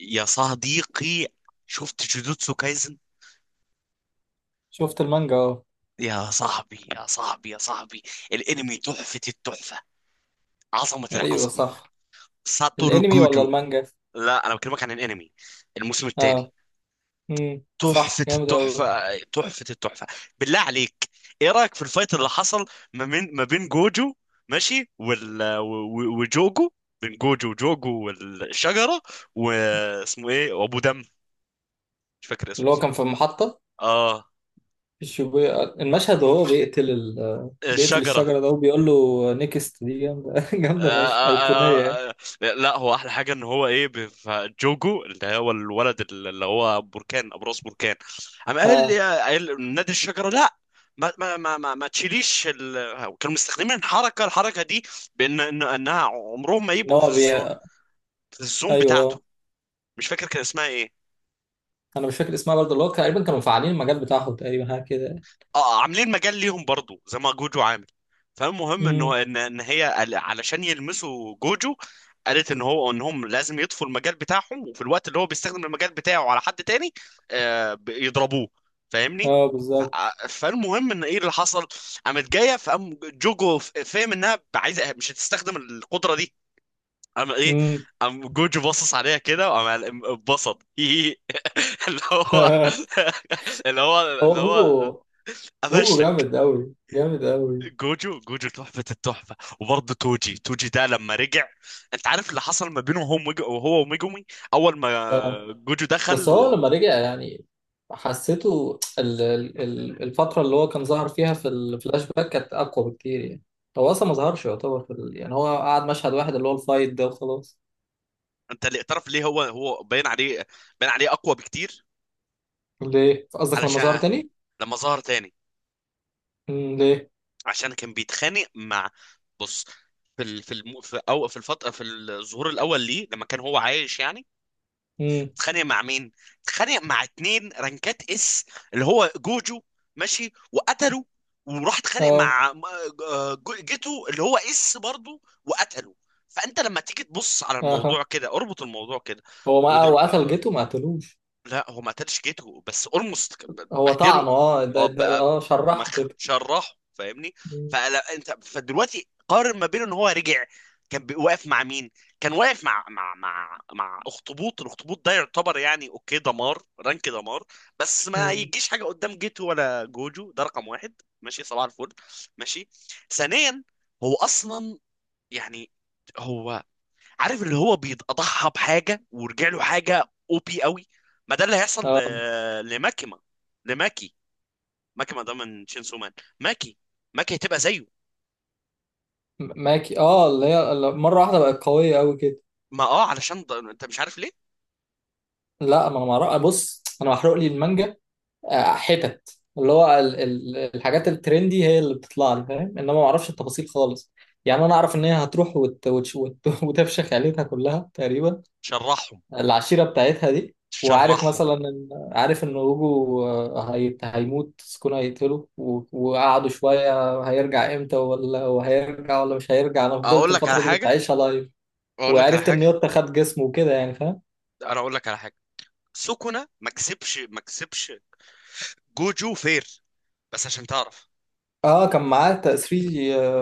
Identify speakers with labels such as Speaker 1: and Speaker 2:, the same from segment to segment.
Speaker 1: يا صديقي، شفت جوجوتسو كايزن؟
Speaker 2: شفت المانجا، اه.
Speaker 1: يا صاحبي يا صاحبي يا صاحبي، الانمي تحفة التحفة، عظمة
Speaker 2: ايوه،
Speaker 1: العظمة.
Speaker 2: صح.
Speaker 1: ساتورو
Speaker 2: الانمي ولا
Speaker 1: جوجو.
Speaker 2: المانجا؟
Speaker 1: لا، انا بكلمك عن الانمي، الموسم الثاني.
Speaker 2: اه. صح،
Speaker 1: تحفة
Speaker 2: جامد قوي.
Speaker 1: التحفة تحفة التحفة، بالله عليك. ايه رأيك في الفايت اللي حصل ما بين جوجو ماشي، وجوجو؟ بين جوجو وجوجو والشجرة، واسمه ايه، وابو دم، مش فاكر
Speaker 2: اللي
Speaker 1: اسمه
Speaker 2: هو
Speaker 1: صح.
Speaker 2: كان في المحطة،
Speaker 1: اه،
Speaker 2: في الشيبويا المشهد، وهو بيقتل بيقتل
Speaker 1: الشجرة.
Speaker 2: الشجرة ده، وبيقول له نيكست. دي جامدة
Speaker 1: آه،
Speaker 2: جامدة فشخ، أيقونية يعني.
Speaker 1: آه، آه، آه، لا، هو احلى حاجه ان هو ايه جوجو اللي هو الولد اللي هو بركان، ابو راس بركان. قام قال لي
Speaker 2: اه.
Speaker 1: قال نادي الشجره، لا. ما تشيليش ال... كانوا مستخدمين الحركه دي، بان انها عمرهم ما
Speaker 2: ان
Speaker 1: يبقوا في
Speaker 2: هو بي...
Speaker 1: الزون، في الزون
Speaker 2: ايوه،
Speaker 1: بتاعته.
Speaker 2: آه.
Speaker 1: مش فاكر كان اسمها ايه.
Speaker 2: انا مش فاكر اسمها برضه. اللي هو تقريبا كانوا مفعلين المجال بتاعهم، تقريبا حاجة كده.
Speaker 1: اه، عاملين مجال ليهم برضو زي ما جوجو عامل. فالمهم
Speaker 2: امم.
Speaker 1: انه ان هي علشان يلمسوا جوجو قالت ان هو انهم لازم يطفوا المجال بتاعهم، وفي الوقت اللي هو بيستخدم المجال بتاعه على حد تاني آه يضربوه. فاهمني؟
Speaker 2: اه، بالظبط.
Speaker 1: فالمهم ان ايه اللي حصل. قامت جايه، فقام جوجو فاهم انها عايزه مش هتستخدم القدره دي. قام ايه،
Speaker 2: امم.
Speaker 1: قام جوجو باصص عليها كده وقام اتبسط. اللي هو اللي هو
Speaker 2: هو
Speaker 1: اللي هو
Speaker 2: هوجو. هوجو
Speaker 1: قفشتك.
Speaker 2: جامد قوي، جامد قوي.
Speaker 1: جوجو جوجو تحفة التحفة. وبرضه توجي توجي ده لما رجع. انت عارف اللي حصل ما بينه هو وهو وميجومي اول ما جوجو
Speaker 2: بس
Speaker 1: دخل
Speaker 2: هو
Speaker 1: و...
Speaker 2: لما رجع يعني، حسيته الفترة اللي هو كان ظهر فيها في الفلاش باك كانت أقوى بكتير يعني. هو أصلا ما ظهرش يعتبر يعني هو قعد مشهد واحد، اللي هو الفايت ده، وخلاص.
Speaker 1: انت اللي اعترف ليه، هو باين عليه، باين عليه اقوى بكتير.
Speaker 2: ليه؟ قصدك لما ظهر
Speaker 1: علشان
Speaker 2: تاني؟
Speaker 1: لما ظهر تاني
Speaker 2: ليه؟
Speaker 1: عشان كان بيتخانق مع، بص، في ال... في الم... في او في الفترة، في الظهور الاول ليه لما كان هو عايش يعني،
Speaker 2: مم.
Speaker 1: اتخانق مع مين؟ اتخانق مع اتنين رانكات اس اللي هو جوجو، ماشي، وقتله، وراح اتخانق
Speaker 2: اه.
Speaker 1: مع آه جيتو اللي هو اس برضه وقتله. فانت لما تيجي تبص على
Speaker 2: اه،
Speaker 1: الموضوع
Speaker 2: آه.
Speaker 1: كده، اربط الموضوع كده.
Speaker 2: هو، ما
Speaker 1: ودر...
Speaker 2: هو قتل جيته، ما قتلوش.
Speaker 1: لا، هو ما قتلش جيتو بس اولموست
Speaker 2: هو
Speaker 1: بهدله.
Speaker 2: طعنه،
Speaker 1: اه
Speaker 2: ده،
Speaker 1: بقى،
Speaker 2: شرحه
Speaker 1: مخ
Speaker 2: كده.
Speaker 1: شرحه، فاهمني؟
Speaker 2: مم.
Speaker 1: فلا انت فدلوقتي قارن ما بينه ان هو رجع، كان واقف مع مين؟ كان واقف مع اخطبوط. الاخطبوط ده يعتبر يعني اوكي، دمار، رانك دمار. بس ما
Speaker 2: مم.
Speaker 1: يجيش حاجه قدام جيتو ولا جوجو. ده رقم واحد، ماشي، صباح الفل. ماشي. ثانيا، هو اصلا يعني هو، عارف اللي هو بيتضحى بحاجه ورجع له حاجه، او بي قوي. ما ده اللي هيحصل
Speaker 2: اه،
Speaker 1: لماكيما. لماكي، ماكيما ده من شينسو مان. ماكي، ماكي هتبقى زيه.
Speaker 2: ماكي، اه، اللي هي اللي مرة واحدة بقت قوية أوي كده.
Speaker 1: ما اه، علشان ده انت مش عارف ليه.
Speaker 2: لا، ما انا ما أعرف- بص، انا محروق لي المانجا. حتت اللي هو الحاجات الترندي هي اللي بتطلع لي، فاهم، انما ما اعرفش التفاصيل خالص. يعني انا اعرف ان هي هتروح وتفشخ عيلتها كلها تقريبا،
Speaker 1: شرحهم
Speaker 2: العشيره بتاعتها دي. وعارف
Speaker 1: شرحهم.
Speaker 2: مثلا، ان عارف ان وجو، هيموت، سكون هيقتله، وقعدوا شويه هيرجع امتى، ولا وهيرجع، ولا مش هيرجع، انا فضلت
Speaker 1: اقول لك على
Speaker 2: الفتره دي كنت
Speaker 1: حاجه،
Speaker 2: عايشها لايف.
Speaker 1: اقول لك على
Speaker 2: وعرفت ان
Speaker 1: حاجه.
Speaker 2: يوتا خد جسمه وكده يعني، فاهم.
Speaker 1: انا اقول لك على حاجه. سوكونا ما كسبش ما كسبش، جوجو فير. بس عشان تعرف،
Speaker 2: اه، كان معاه 3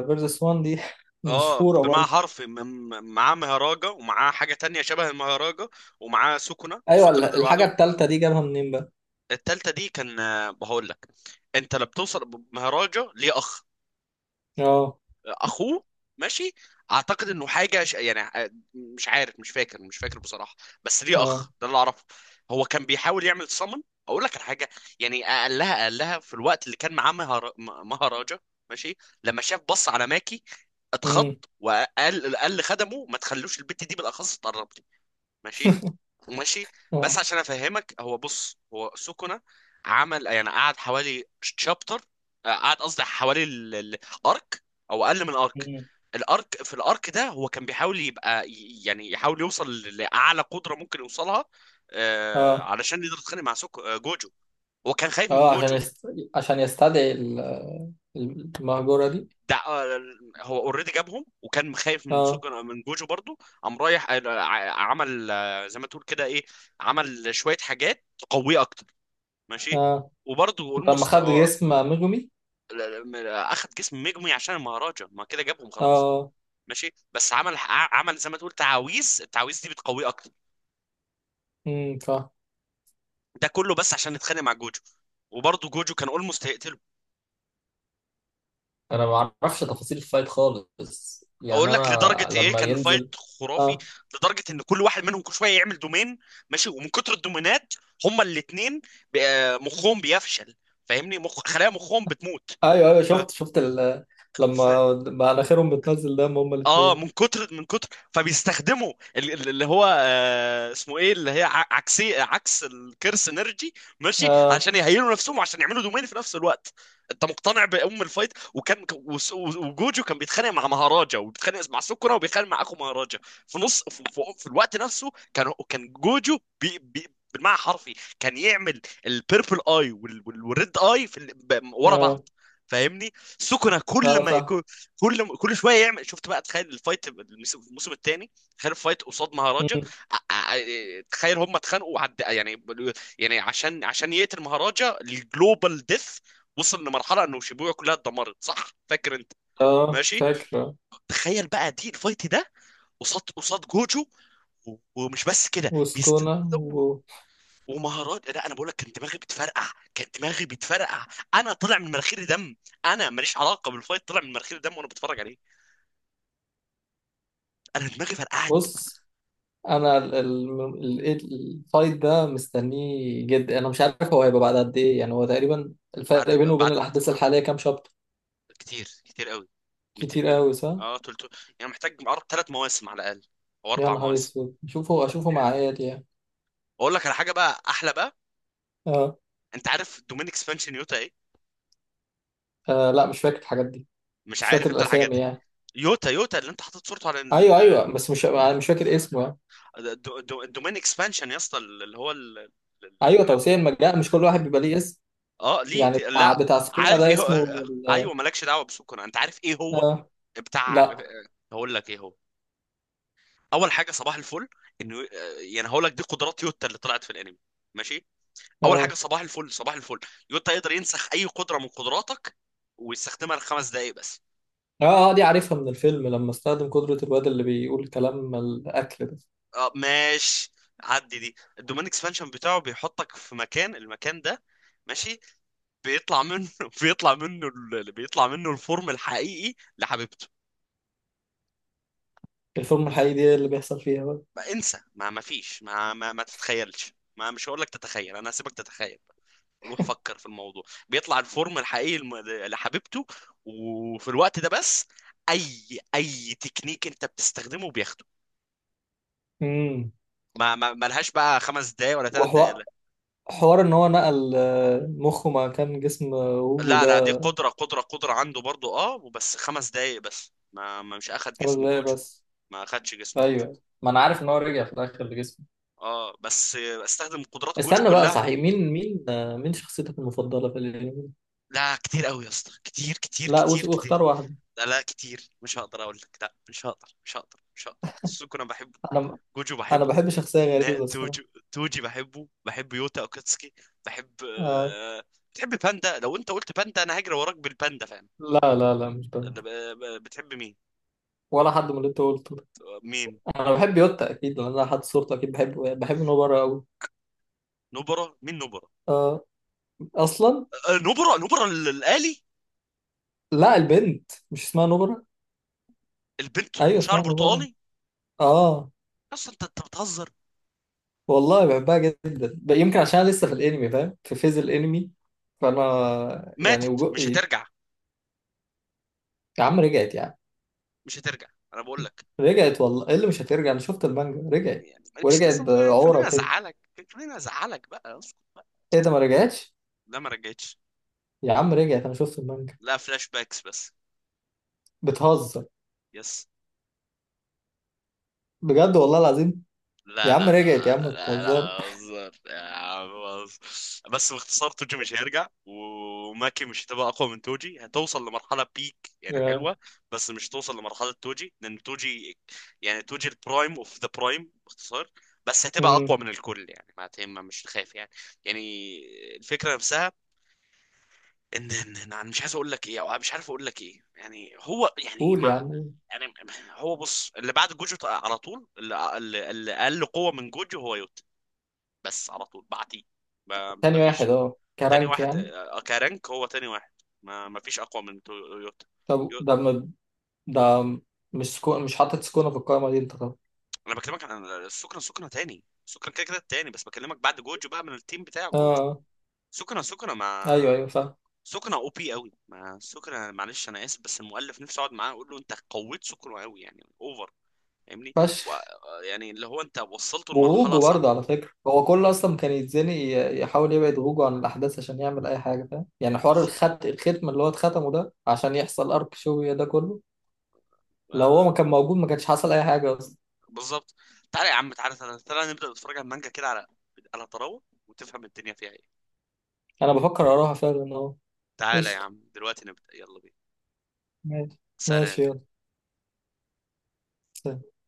Speaker 2: فيرسس 1، دي
Speaker 1: اه،
Speaker 2: مشهوره.
Speaker 1: بمعنى حرف معاه مهراجة ومعاه حاجة تانية شبه المهراجة، ومعاه سكنة.
Speaker 2: ايوه،
Speaker 1: سكنة ده
Speaker 2: الحاجه
Speaker 1: لوحده.
Speaker 2: التالتة دي جابها منين بقى؟
Speaker 1: التالتة دي كان آه، هقول لك. انت لما بتوصل مهراجة ليه اخ،
Speaker 2: اه.
Speaker 1: اخوه، ماشي. اعتقد انه حاجه ش... يعني مش عارف، مش فاكر، مش فاكر بصراحه. بس ليه
Speaker 2: اه.
Speaker 1: اخ، ده اللي اعرفه. هو كان بيحاول يعمل صمن. اقول لك على حاجه، يعني قالها قالها في الوقت اللي كان معاه مهراجة، ماشي. لما شاف بص على ماكي اتخض،
Speaker 2: امم.
Speaker 1: وقال قال لخدمه ما تخلوش البت دي بالاخص تقرب لي. ماشي، ماشي. بس
Speaker 2: اه.
Speaker 1: عشان افهمك، هو بص، هو سكنة عمل يعني قعد حوالي شابتر، قعد قصدي حوالي الارك، او اقل من الارك.
Speaker 2: مم.
Speaker 1: الارك، في الارك ده هو كان بيحاول يبقى يعني يحاول يوصل لاعلى قدرة ممكن يوصلها آه،
Speaker 2: اه.
Speaker 1: علشان يقدر يتخانق مع سوكو آه، جوجو. هو كان خايف من
Speaker 2: اه،
Speaker 1: جوجو.
Speaker 2: عشان يستدعي المهجوره دي.
Speaker 1: ده آه، هو اوريدي جابهم وكان خايف من
Speaker 2: اه.
Speaker 1: سوكو، من جوجو برضو، قام رايح آه عمل آه، زي ما تقول كده ايه، عمل شوية حاجات تقويه اكتر، ماشي،
Speaker 2: اه.
Speaker 1: وبرضه
Speaker 2: لما
Speaker 1: اولموست.
Speaker 2: خد جسم ميجومي.
Speaker 1: اخد جسم مجمي عشان المهرجة ما كده جابهم خلاص،
Speaker 2: اه.
Speaker 1: ماشي. بس عمل عمل زي ما تقول تعاويذ. التعاويذ دي بتقويه اكتر.
Speaker 2: فا
Speaker 1: ده كله بس عشان يتخانق مع جوجو، وبرضه جوجو كان اولموست هيقتله.
Speaker 2: انا ما اعرفش تفاصيل الفايت خالص يعني،
Speaker 1: اقول لك لدرجه
Speaker 2: انا
Speaker 1: ايه
Speaker 2: لما
Speaker 1: كان
Speaker 2: ينزل.
Speaker 1: الفايت خرافي.
Speaker 2: اه.
Speaker 1: لدرجه ان كل واحد منهم كل شويه يعمل دومين، ماشي، ومن كتر الدومينات هما الاثنين مخهم بيفشل، فاهمني؟ مخ، خلايا مخهم بتموت.
Speaker 2: ايوه، ايوه، شفت لما بقى مناخيرهم بتنزل دم هما
Speaker 1: اه،
Speaker 2: الاثنين.
Speaker 1: من كتر من كتر، فبيستخدموا اللي هو آه اسمه ايه، اللي هي عكسي عكس الكرس انرجي، ماشي،
Speaker 2: اه.
Speaker 1: عشان يهيلوا نفسهم وعشان يعملوا دومين في نفس الوقت. انت مقتنع بام الفايت، وكان وجوجو كان بيتخانق مع مهاراجا، وبيتخانق مع سكرة، وبيتخانق مع اخو مهاراجا. في نص في الوقت نفسه كان كان جوجو بي بالمعنى حرفي. كان يعمل البيربل اي والريد اي في ورا
Speaker 2: اه.
Speaker 1: بعض، فاهمني؟ سكنة كل
Speaker 2: اه،
Speaker 1: ما،
Speaker 2: فاهم.
Speaker 1: كل شويه يعمل. شفت بقى؟ تخيل الفايت الموسم الثاني. تخيل الفايت قصاد مهاراجا.
Speaker 2: مم.
Speaker 1: تخيل هم اتخانقوا عد... يعني، يعني عشان عشان يقتل مهاراجا الجلوبال ديث. وصل لمرحله انه شيبويا كلها اتدمرت، صح، فاكر انت؟
Speaker 2: اه،
Speaker 1: ماشي.
Speaker 2: فاكره.
Speaker 1: تخيل بقى دي الفايت ده قصاد جوجو و- ومش بس كده بيست،
Speaker 2: وسكونا
Speaker 1: ومهارات. لا انا بقول لك كان دماغي بتفرقع، كان دماغي بتفرقع. انا طلع من مناخيري دم، انا ماليش علاقه بالفايت، طلع من مناخيري دم وانا بتفرج عليه. انا دماغي فرقعت.
Speaker 2: بص، انا إيه الفايت ده مستنيه جدا. انا مش عارف هو هيبقى بعد قد ايه يعني. هو تقريبا، الفرق
Speaker 1: بعد
Speaker 2: بينه وبين الاحداث الحاليه كام شابتر؟
Speaker 1: كتير كتير قوي.
Speaker 2: كتير
Speaker 1: 200،
Speaker 2: قوي، صح.
Speaker 1: اه، 300. يعني محتاج 3 مواسم على الاقل، او
Speaker 2: يا
Speaker 1: اربع
Speaker 2: نهار
Speaker 1: مواسم
Speaker 2: اسود، اشوفه اشوفه مع عيالي يعني.
Speaker 1: اقول لك على حاجه بقى احلى بقى.
Speaker 2: آه.
Speaker 1: انت عارف دومين اكسبانشن يوتا ايه؟
Speaker 2: اه، لا، مش فاكر الحاجات دي.
Speaker 1: مش
Speaker 2: مش
Speaker 1: عارف
Speaker 2: فاكر
Speaker 1: انت الحاجات
Speaker 2: الاسامي
Speaker 1: دي.
Speaker 2: يعني.
Speaker 1: يوتا، يوتا اللي انت حاطط صورته على
Speaker 2: ايوه، ايوه، بس مش، أنا مش فاكر اسمه يعني.
Speaker 1: الدو- دو- الدومين اكسبانشن يا اسطى اللي هو ال... ال- ال-
Speaker 2: ايوه، توسيع المجال. مش كل واحد بيبقى ليه اسم؟
Speaker 1: اه ليه
Speaker 2: يعني بتاع
Speaker 1: لا.
Speaker 2: بتاع سكونة
Speaker 1: عارف
Speaker 2: ده
Speaker 1: ايه هو
Speaker 2: اسمه
Speaker 1: آه، ايوه مالكش دعوه بسكنة. انت عارف ايه هو
Speaker 2: آه.
Speaker 1: بتاع آه،
Speaker 2: لا.
Speaker 1: هقول لك ايه هو. اول حاجه صباح الفل، انه آه، يعني هقول لك دي قدرات يوتا اللي طلعت في الانمي، ماشي. اول حاجه
Speaker 2: اه.
Speaker 1: صباح الفل صباح الفل، يوتا يقدر ينسخ اي قدره من قدراتك، ويستخدمها لـ5 دقائق بس.
Speaker 2: اه، دي عارفها من الفيلم، لما استخدم قدرة الواد اللي بيقول كلام الأكل ده.
Speaker 1: اه، ماشي. عدي دي الدومين اكسبانشن بتاعه، بيحطك في مكان. المكان ده، ماشي، بيطلع منه بيطلع منه بيطلع منه الفورم الحقيقي لحبيبته.
Speaker 2: الفورمة الحقيقية دي اللي بيحصل فيها بقى.
Speaker 1: ما انسى، ما ما فيش، ما تتخيلش، ما مش هقول لك تتخيل، انا هسيبك تتخيل. روح فكر في الموضوع. بيطلع الفورم الحقيقي لحبيبته، وفي الوقت ده بس اي تكنيك انت بتستخدمه بياخده.
Speaker 2: امم.
Speaker 1: ما لهاش بقى 5 دقايق ولا 3 دقايق،
Speaker 2: وحوار،
Speaker 1: لا.
Speaker 2: حوار ان هو نقل مخه، ما كان جسم ووجو
Speaker 1: لا، لا، دي
Speaker 2: ده.
Speaker 1: قدرة عنده برضو اه، وبس 5 دقايق بس، ما, ما مش اخد
Speaker 2: خمس
Speaker 1: جسم
Speaker 2: دقايق
Speaker 1: جوجو.
Speaker 2: بس.
Speaker 1: ما اخدش جسم جوجو.
Speaker 2: ايوه، ما انا عارف ان هو رجع في الاخر لجسمه.
Speaker 1: اه، بس استخدم قدرات جوجو
Speaker 2: استنى بقى،
Speaker 1: كلها.
Speaker 2: صحيح، مين شخصيتك المفضلة في الانمي؟
Speaker 1: لا كتير قوي يا اسطى، كتير كتير
Speaker 2: لا،
Speaker 1: كتير كتير.
Speaker 2: واختار واحدة.
Speaker 1: لا لا، كتير مش هقدر اقول لك. لا مش هقدر، مش هقدر، مش هقدر. سوكو انا بحبه،
Speaker 2: انا
Speaker 1: جوجو
Speaker 2: انا
Speaker 1: بحبه.
Speaker 2: بحب شخصية
Speaker 1: نا
Speaker 2: غريبة الصراحة.
Speaker 1: توجو، توجي بحبه، بحب يوتا اوكاتسكي، بحب
Speaker 2: آه.
Speaker 1: آه... بتحب باندا؟ لو انت قلت باندا انا هجري وراك بالباندا، فاهم؟
Speaker 2: لا لا لا، مش بنت،
Speaker 1: آه، بتحب مين؟
Speaker 2: ولا حد من اللي انت قلته ده.
Speaker 1: مين
Speaker 2: انا بحب يوتا اكيد، لان انا حد صورته اكيد بحبه يعني. بحب نوبرا قوي.
Speaker 1: نبرة؟ مين نبرة؟
Speaker 2: آه. اصلا،
Speaker 1: آه، نبرة نبرة الآلي؟
Speaker 2: لا، البنت مش اسمها نوبرا.
Speaker 1: البنت أم
Speaker 2: ايوه،
Speaker 1: شعر
Speaker 2: اسمها نوبرا.
Speaker 1: برتقالي.
Speaker 2: اه،
Speaker 1: أصلا أنت بتهزر.
Speaker 2: والله بحبها جدا. يمكن عشان أنا لسه في الانمي، فاهم، في فيز الانمي. فانا يعني
Speaker 1: ماتت مش
Speaker 2: يا
Speaker 1: هترجع،
Speaker 2: عم، رجعت يعني.
Speaker 1: مش هترجع. أنا بقول لك،
Speaker 2: رجعت، والله، ايه اللي مش هترجع؟ انا شفت المانجا، رجعت.
Speaker 1: يعني مش
Speaker 2: ورجعت
Speaker 1: لازم.
Speaker 2: بعورة
Speaker 1: خليني
Speaker 2: كده.
Speaker 1: أزعلك، خليني أزعلك بقى. اسكت بقى.
Speaker 2: ايه ده، ما رجعتش؟
Speaker 1: لا، ما رجعتش.
Speaker 2: يا عم رجعت، انا شفت المانجا.
Speaker 1: لا، فلاش باكس بس.
Speaker 2: بتهزر.
Speaker 1: يس.
Speaker 2: بجد، والله العظيم. يا
Speaker 1: لا
Speaker 2: عم
Speaker 1: لا
Speaker 2: رجعت، يا عم
Speaker 1: لا لا لا،
Speaker 2: بتهزر.
Speaker 1: هزار يا عم، هزار. بس باختصار توجي مش هيرجع، وماكي مش هتبقى اقوى من توجي، هتوصل لمرحله بيك، يعني
Speaker 2: آه.
Speaker 1: حلوه. بس مش توصل لمرحله توجي، لان توجي، يعني توجي البرايم اوف ذا برايم باختصار. بس هتبقى
Speaker 2: امم.
Speaker 1: اقوى من الكل، يعني ما تهم، مش خايف يعني. يعني الفكره نفسها، ان ان انا مش عايز اقول لك ايه او مش عارف اقول لك ايه، يعني هو يعني
Speaker 2: قول
Speaker 1: ما،
Speaker 2: يا عم، قول.
Speaker 1: يعني هو بص اللي بعد جوجو على طول اللي اقل قوه من جوجو هو يوتا. بس على طول بعديه، ما
Speaker 2: تاني واحد،
Speaker 1: فيش.
Speaker 2: اه،
Speaker 1: تاني
Speaker 2: كرانك
Speaker 1: واحد
Speaker 2: يعني.
Speaker 1: آه، كرانك هو تاني واحد. ما فيش اقوى من يوتا.
Speaker 2: طب
Speaker 1: يو-
Speaker 2: ده ده مش حاطط سكونة في القائمة دي انت طبعا.
Speaker 1: انا بكلمك عن السكنة. سكنة تاني، سكنة كده كده تاني، بس بكلمك بعد جوجو بقى من التيم بتاع
Speaker 2: اه،
Speaker 1: جوجو.
Speaker 2: آه.
Speaker 1: سكنة
Speaker 2: ايوه،
Speaker 1: مع
Speaker 2: ايوه، فاهم.
Speaker 1: سكنة او بي قوي. ما سكنة معلش انا اسف، بس المؤلف نفسه اقعد معاه اقول له انت قويت سكنة قوي يعني اوفر، فاهمني؟ و...
Speaker 2: فشخ.
Speaker 1: يعني اللي هو انت وصلته لمرحله
Speaker 2: وغوجو
Speaker 1: صعبه.
Speaker 2: برضه على فكرة، هو كله أصلا كان يتزنق، يحاول يبعد غوجو عن الأحداث عشان يعمل أي حاجة، فاهم يعني، حوار
Speaker 1: بالظبط.
Speaker 2: الختم اللي هو اتختمه ده عشان يحصل أرك شوية ده كله. لو هو
Speaker 1: آه
Speaker 2: ما كان موجود ما كانش حصل أي حاجة أصلا.
Speaker 1: بالظبط. تعالى يا عم، تعالى تعالى, تعالى نبدا نتفرج على المانجا كده، على على طراوه، وتفهم الدنيا فيها ايه.
Speaker 2: أنا بفكر أراها فعلا أهو.
Speaker 1: تعالى يا
Speaker 2: قشطة.
Speaker 1: عم دلوقتي نبدا، يلا بينا.
Speaker 2: ماشي.
Speaker 1: سلام.
Speaker 2: ماشي يلا. سلام.